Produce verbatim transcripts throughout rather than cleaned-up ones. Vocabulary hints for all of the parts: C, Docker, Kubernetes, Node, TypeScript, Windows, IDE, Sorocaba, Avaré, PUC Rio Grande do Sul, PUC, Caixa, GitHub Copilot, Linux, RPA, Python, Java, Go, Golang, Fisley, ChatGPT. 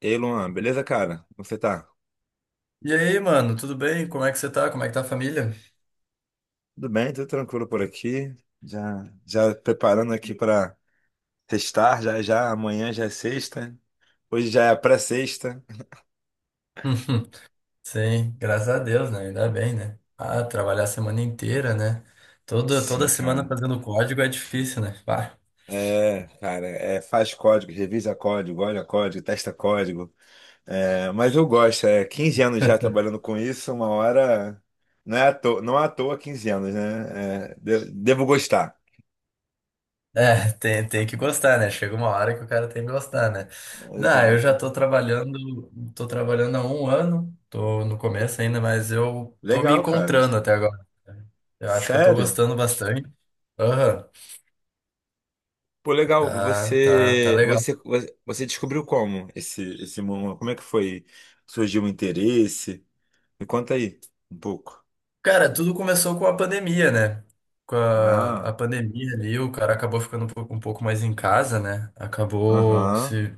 Ei, Luan, beleza, cara? Como você tá? E aí, mano, tudo bem? Como é que você tá? Como é que tá a família? Tudo bem, tudo tranquilo por aqui. Já, já preparando aqui para sextar, já, já, amanhã já é sexta. Hoje já é a pré-sexta. Sim, graças a Deus, né? Ainda bem, né? Ah, trabalhar a semana inteira, né? Toda, toda Sim, semana cara. fazendo código é difícil, né? Pá. É, cara, é, faz código, revisa código, olha código, testa código. É, mas eu gosto, é quinze anos já trabalhando com isso, uma hora. Não é à toa, não é à toa quinze anos, né? É, de- devo gostar. É, tem, tem que gostar, né? Chega uma hora que o cara tem que gostar, né? Não, eu já Exato. tô trabalhando, tô trabalhando há um ano, tô no começo ainda, mas eu tô me Legal, cara. encontrando até agora. Eu acho que eu tô Sério? gostando bastante. Aham, Pô, legal. tá, tá, tá Você, legal. você, você você descobriu como esse, esse mundo? Como é que foi? Surgiu o interesse? Me conta aí um pouco. Cara, tudo começou com a pandemia, né? Com a, Ah, a pandemia ali, o cara acabou ficando um pouco, um pouco mais em casa, né? Acabou aham. se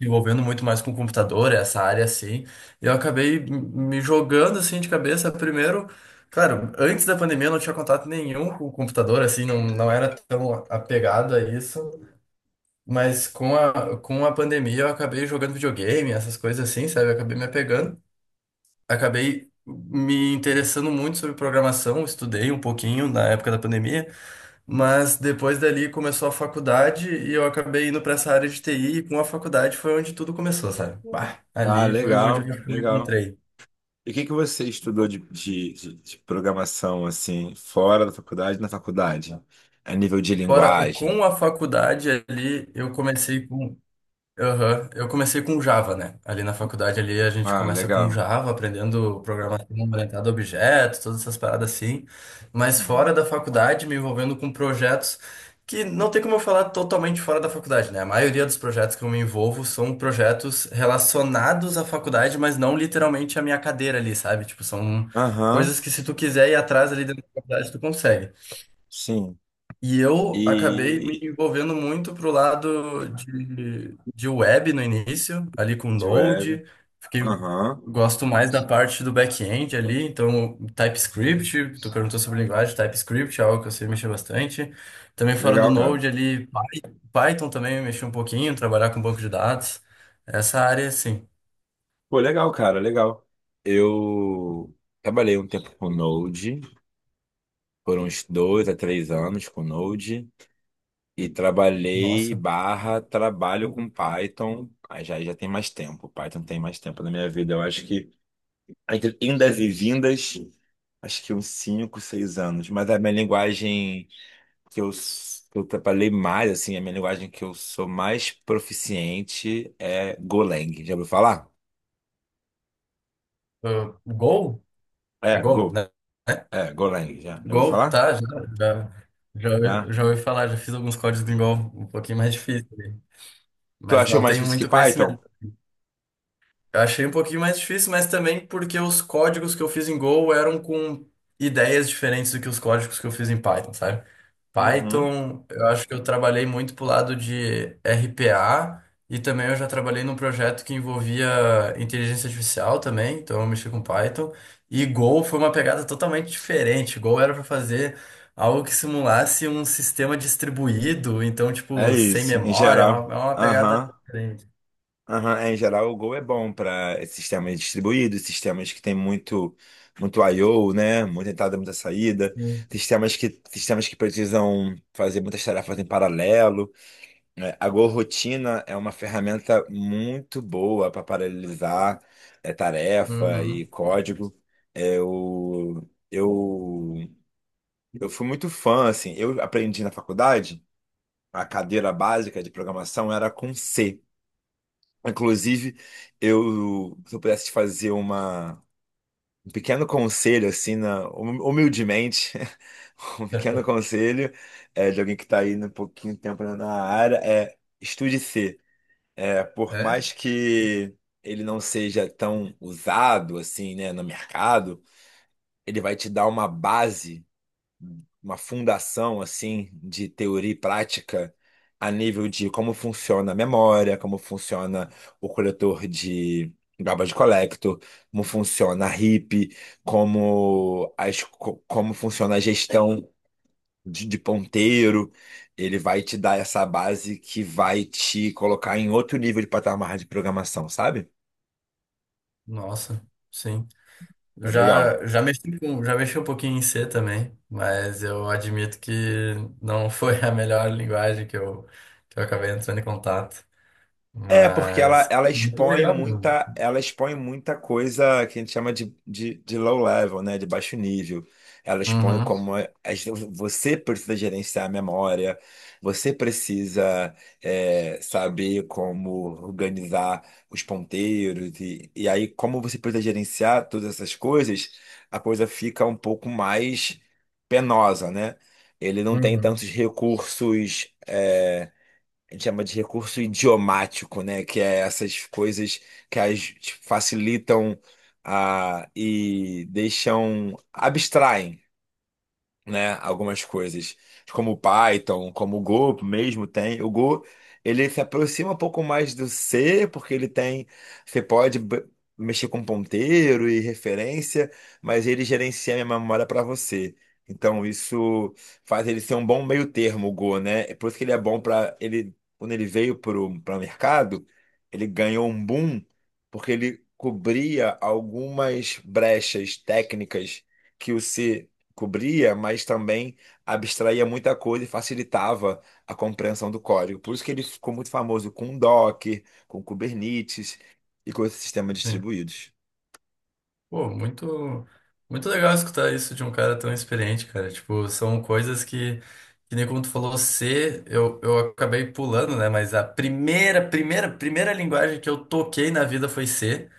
envolvendo muito mais com o computador, essa área assim. E eu acabei m- me jogando assim de cabeça. Primeiro, claro, antes da pandemia eu não tinha contato nenhum com o computador, assim, não, não era tão apegado a isso. Mas com a, com a pandemia eu acabei jogando videogame, essas coisas assim, sabe? Eu acabei me apegando, acabei me interessando muito sobre programação, estudei um pouquinho na época da pandemia, mas depois dali começou a faculdade e eu acabei indo para essa área de T I, e com a faculdade foi onde tudo começou, sabe? Bah, Ah, ali foi onde eu legal, me legal. encontrei. E o que que você estudou de, de, de- de programação, assim, fora da faculdade, na faculdade? A nível de Fora, linguagem. com a faculdade ali, eu comecei com. Aham, eu comecei com Java, né? Ali na faculdade ali a gente Ah, começa com legal. Java, aprendendo programação orientada a objetos, todas essas paradas assim. Mas fora da Uhum. faculdade, me envolvendo com projetos que não tem como eu falar totalmente fora da faculdade, né? A maioria dos projetos que eu me envolvo são projetos relacionados à faculdade, mas não literalmente à minha cadeira ali, sabe? Tipo, são Aham, coisas que se tu quiser ir atrás ali dentro da faculdade, tu consegue. sim. E eu acabei me E envolvendo muito pro lado de, de web no início, ali com de web. Node. Fiquei, Aham, gosto mais da parte do back-end ali, então TypeScript, tu perguntou sobre linguagem, TypeScript é algo que eu sei mexer bastante. Também fora do legal, cara. Node ali, Python também mexi um pouquinho, trabalhar com banco de dados. Essa área, sim. Pô, legal, cara, legal. Eu trabalhei um tempo com Node, foram uns dois a três anos com Node, e trabalhei Nossa. barra trabalho com Python. Aí já, já tem mais tempo. Python tem mais tempo na minha vida. Eu acho que entre indas e vindas, acho que uns cinco, seis anos. Mas a minha linguagem que eu, s- que eu trabalhei mais, assim, a minha linguagem que eu sou mais proficiente é Golang. Já ouviu falar? Ah, Go? É É, Go, Go. né? É, Golang, já. Já ouviu Gol, falar? tá? Já, já, já, Tá? ouvi já ouvi falar, já fiz alguns códigos em Gol um pouquinho mais difícil, né? Tu Mas achou não mais tenho difícil que muito Python? conhecimento. Eu achei um pouquinho mais difícil, mas também porque os códigos que eu fiz em Go eram com ideias diferentes do que os códigos que eu fiz em Python, sabe? Uhum. Python, eu acho que eu trabalhei muito pro lado de R P A e também eu já trabalhei num projeto que envolvia inteligência artificial também, então eu mexi com Python. E Go foi uma pegada totalmente diferente. Go era para fazer algo que simulasse um sistema distribuído, então, É tipo, sem isso, em memória, é uma, geral. é uma pegada Aham. diferente. Aham. É, em geral, o Go é bom para sistemas distribuídos, sistemas que tem muito muito I/O, né? Muita entrada, muita saída, Sim. sistemas que sistemas que precisam fazer muitas tarefas em paralelo, né? A Go Rotina é uma ferramenta muito boa para paralelizar, é, tarefa e Uhum. código. É, eu, eu, eu fui muito fã, assim, eu aprendi na faculdade, a cadeira básica de programação era com C. Inclusive, eu, se eu pudesse te fazer uma, um pequeno conselho, assim, na, hum- humildemente, um pequeno conselho, é, de alguém que está aí um pouquinho de tempo na área, é estude C. É, por É? mais que ele não seja tão usado, assim, né, no mercado, ele vai te dar uma base, uma fundação, assim, de teoria e prática a nível de como funciona a memória, como funciona o coletor de garbage collector, como funciona a R I P, como as, co- como funciona a gestão de, de ponteiro. Ele vai te dar essa base que vai te colocar em outro nível de patamar de programação, sabe? Nossa, sim. Eu É legal. já, já mexi com, já mexi um pouquinho em C também, mas eu admito que não foi a melhor linguagem que eu, que eu acabei entrando em contato. É, porque ela, Mas, ela muito expõe legal, meu. muita, ela expõe muita coisa que a gente chama de, de, de low level, né? De baixo nível. Ela expõe Uhum, como é- as- você precisa gerenciar a memória, você precisa, é, saber como organizar os ponteiros, e, e aí, como você precisa gerenciar todas essas coisas, a coisa fica um pouco mais penosa, né? Ele não tem tantos uhum, recursos, a gente chama de recurso idiomático, né? Que é essas coisas que, as tipo, facilitam, ah, e deixam, abstraem, né, algumas coisas, como o Python, como o Go mesmo tem. O Go, ele se aproxima um pouco mais do C, porque ele tem, você pode b- mexer com ponteiro e referência, mas ele gerencia a memória para você. Então isso faz ele ser um bom meio termo, o Go, né? É por isso que ele é bom, para ele, quando ele veio para o mercado, ele ganhou um boom porque ele cobria algumas brechas técnicas que o C cobria, mas também abstraía muita coisa e facilitava a compreensão do código. Por isso que ele ficou muito famoso com Docker, com Kubernetes e com esses sistemas sim. distribuídos. Pô, muito, muito legal escutar isso de um cara tão experiente, cara. Tipo, são coisas que, que nem como tu falou, C, eu, eu acabei pulando, né? Mas a primeira, primeira, primeira linguagem que eu toquei na vida foi C.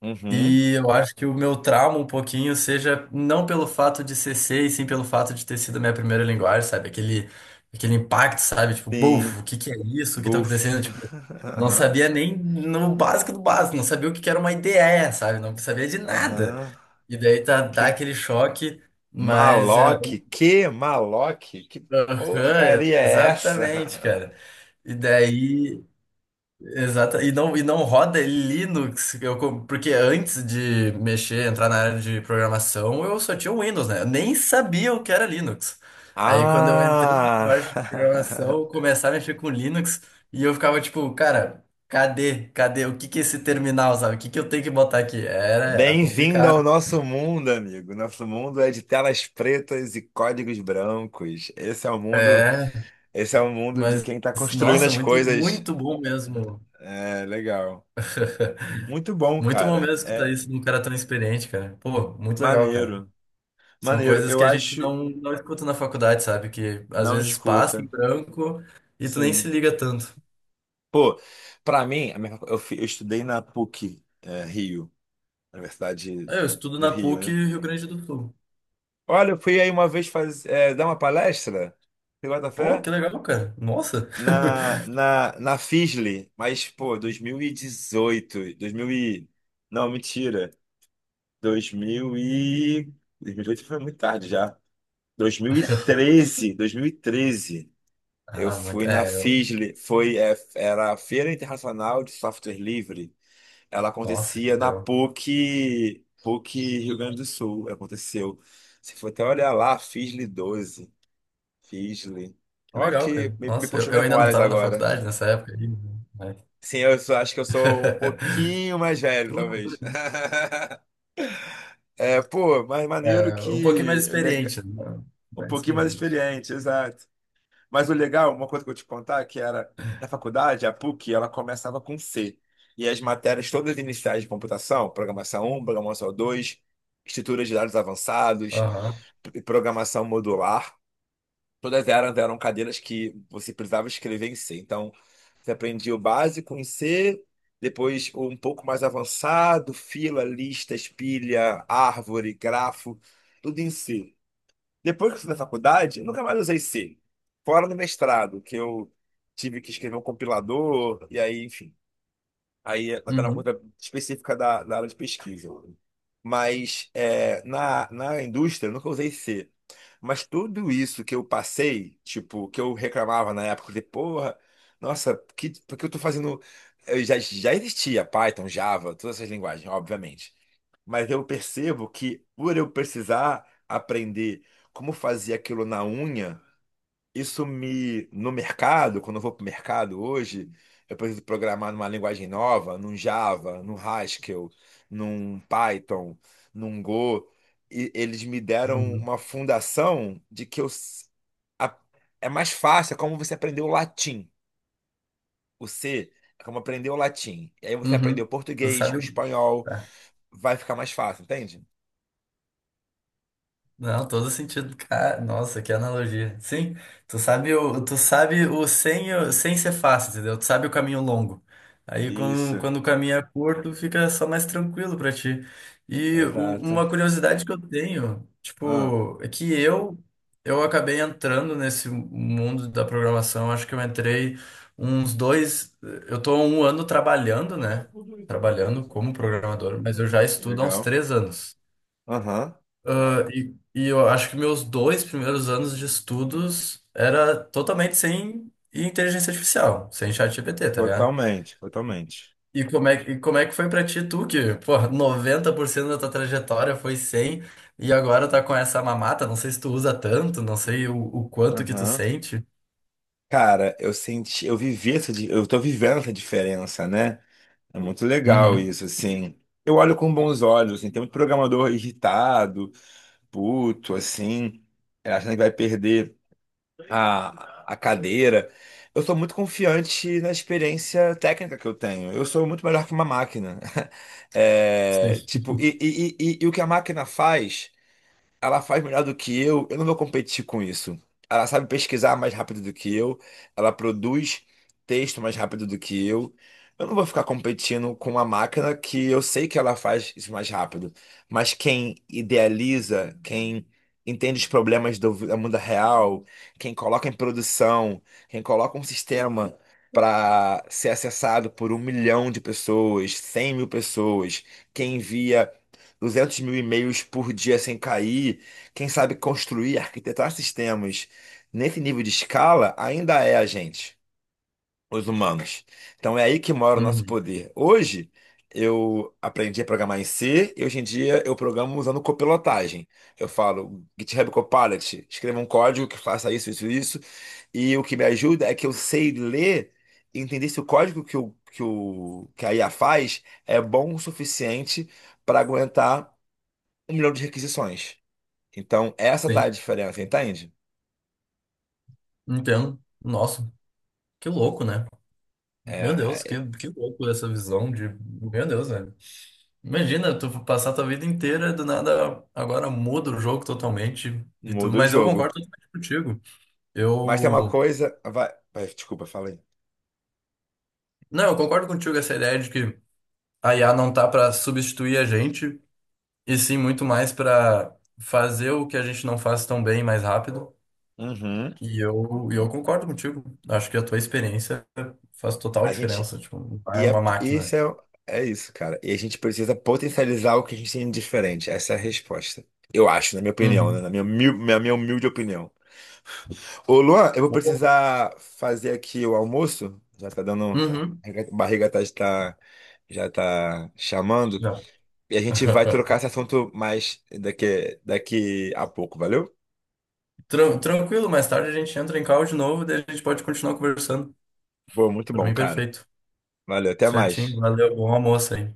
Uhum. E eu acho que o meu trauma um pouquinho seja não pelo fato de ser C, e sim pelo fato de ter sido a minha primeira linguagem, sabe? Aquele, aquele impacto, sabe? Tipo, buf, Sim, o que que é isso? O que tá acontecendo? buf. Tipo, não Aham, sabia nem no básico do básico, não sabia o que que era uma I D E, sabe? Não sabia de nada. aham. E daí tá, dá Que aquele choque, mas... é, maloc, que maloc, que aham, porcaria é exatamente, essa? cara. E daí... Exato. E não, e não roda Linux, eu, co- porque antes de mexer, entrar na área de programação, eu só tinha o Windows, né? Eu nem sabia o que era Linux. Aí quando eu entrei na Ah! parte de programação, começaram a mexer com Linux e eu ficava tipo, cara, cadê? Cadê? O que que é esse terminal, sabe? O que que eu tenho que botar aqui? Era, era Bem-vindo ao complicado. nosso mundo, amigo. Nosso mundo é de telas pretas e códigos brancos. Esse é o mundo, É, esse é o mundo de mas quem está construindo nossa, as muito, coisas. muito bom mesmo. É legal. Muito bom, Muito bom mesmo cara. escutar É isso de um cara tão experiente, cara. Pô, muito legal, cara. maneiro. São Maneiro. coisas que Eu a gente acho. não, não escuta na faculdade, sabe? Que às Não vezes passa em escuta. branco e tu nem se Sim. liga tanto. Pô, pra mim, a minha- eu, fi- eu estudei na PUC, é, Rio, Universidade Ah, eu estudo do na Rio, PUC né? Rio Grande do Sul. Olha, eu fui aí uma vez, faz, é, dar uma palestra. Você bota Pô, fé? que legal, cara. Nossa. na, na, na Fisley, mas, pô, dois mil e dezoito, dois mil e... não, mentira. dois mil e... dois mil e dezoito foi muito tarde já. Dois dois mil mil e treze, dois mil e treze eu Ah, muito. fui na É, eu... Fisley, foi, é, era a Feira Internacional de Software Livre. Ela Nossa, acontecia que na legal. PUC, PUC Rio Grande do Sul, aconteceu. Se for até olhar lá, Fisley doze, Fisley. Que Ó, que legal, cara. me, me Nossa, eu, puxou eu ainda não memórias tava na agora. faculdade nessa época aí, né? Mas... Sim, eu só, acho que eu sou um pouquinho mais velho, Que loucura, talvez. né? É, pô, mas maneiro É, um pouquinho mais que. lega- experiente, né? Um Mais pouquinho mais experiente. experiente, exato. Mas o legal, uma coisa que eu vou te contar, que era na faculdade, a PUC, ela começava com C. E as matérias todas iniciais de computação, programação um, programação dois, estrutura de dados avançados, Aham. p- programação modular. Todas elas eram cadeiras que você precisava escrever em C. Então, você aprendia o básico em C, depois um pouco mais avançado, fila, lista, espilha, árvore, grafo, tudo em C. Depois que eu fui na faculdade, eu nunca mais usei C. Fora no mestrado, que eu tive que escrever um compilador, e aí, enfim. Aí ela está na Uhum. conta específica da, da área de pesquisa. Mas é, na, na indústria eu nunca usei C. Mas tudo isso que eu passei, tipo, que eu reclamava na época, de porra, nossa, que, por que eu tô fazendo. Eu já, já existia Python, Java, todas essas linguagens, obviamente. Mas eu percebo que por eu precisar aprender como fazer aquilo na unha, isso me, no mercado, quando eu vou para o mercado hoje, eu preciso programar numa linguagem nova, num Java, num Haskell, num Python, num Go, e eles me deram Uhum. uma fundação de que eu, s- a- é mais fácil, é como você aprendeu o latim. O C é como aprender o latim. E aí você aprendeu o Uhum. Tu português, o sabe. o- espanhol, tá. vai ficar mais fácil, entende? Não, todo sentido. Cara, nossa, que analogia. Sim, tu sabe o, tu sabe o sem, o- sem ser fácil, entendeu? Tu sabe o caminho longo. Aí quando, Isso, quando o caminho é curto, fica só mais tranquilo pra ti. E o- exato. uma curiosidade que eu tenho, Ah, tipo, é que eu eu acabei entrando nesse mundo da programação, acho que eu entrei uns dois, eu tô há um ano trabalhando, né? Trabalhando como programador, mas eu já estudo há uns legal. três anos. Aham, Ah, e, e eu acho que meus dois primeiros anos de estudos era totalmente sem inteligência artificial, sem ChatGPT, tá ligado? totalmente, totalmente. E como é, que- e como é que foi pra ti, tu, que, pô, noventa por cento da tua trajetória foi sem, e agora tá com essa mamata, não sei se tu usa tanto, não sei o, o quanto que tu Aham. sente. Cara, eu senti, eu vivi essa, di- eu tô vivendo essa diferença, né? É muito legal Uhum, isso, assim. Eu olho com bons olhos, assim, tem muito programador irritado, puto, assim, achando que vai perder a, a cadeira. Eu sou muito confiante na experiência técnica que eu tenho. Eu sou muito melhor que uma máquina. É, sim. tipo, e, e, e, e e o que a máquina faz? Ela faz melhor do que eu, eu não vou competir com isso. Ela sabe pesquisar mais rápido do que eu, ela produz texto mais rápido do que eu. Eu não vou ficar competindo com uma máquina que eu sei que ela faz isso mais rápido. Mas quem idealiza, quem entende os problemas do do mundo real, quem coloca em produção, quem coloca um sistema para ser acessado por um milhão de pessoas, cem mil pessoas, quem envia duzentos mil e-mails por dia sem cair, quem sabe construir, arquitetar sistemas nesse nível de escala, ainda é a gente, os humanos. Então é aí que mora o nosso Uhum, poder. Hoje, eu aprendi a programar em C e hoje em dia eu programo usando copilotagem. Eu falo GitHub Copilot, escreva um código que faça isso, isso, isso. E o que me ajuda é que eu sei ler e entender se o código que, o, que, o, que a I A faz é bom o suficiente para aguentar um milhão de requisições. Então, essa tá sim, a diferença, entende? entendo. Nossa, que louco, né? Meu Deus, que, É, que louco essa visão de... Meu Deus, né. Imagina, tu passar tua vida inteira, do nada, agora muda o jogo totalmente e tu, muda o mas eu jogo. concordo totalmente contigo. Mas tem uma Eu, coisa. Vai, vai, desculpa, falei. não, eu concordo contigo essa ideia de que a I A não tá para substituir a gente, e sim muito mais para fazer o que a gente não faz tão bem mais rápido. Uhum. E eu, e eu concordo contigo. Acho que a tua experiência faz total A gente. diferença, tipo, não é E uma é, máquina. isso é, é isso, cara. E a gente precisa potencializar o que a gente tem de diferente. Essa é a resposta. Eu acho, na minha opinião, né? Uhum. Na minha, humil- minha, minha humilde opinião. Ô, Luan, eu vou precisar fazer aqui o almoço. Já tá dando. A Uhum. barriga tá, tá- já tá chamando. Já. E a gente vai trocar esse assunto mais daqui, daqui a pouco, valeu? Tran- Tranquilo, mais tarde a gente entra em call de novo, daí a gente pode continuar conversando. Pô, muito Para bom, mim, cara. perfeito. Valeu, até Certinho. mais. Valeu. Bom almoço aí.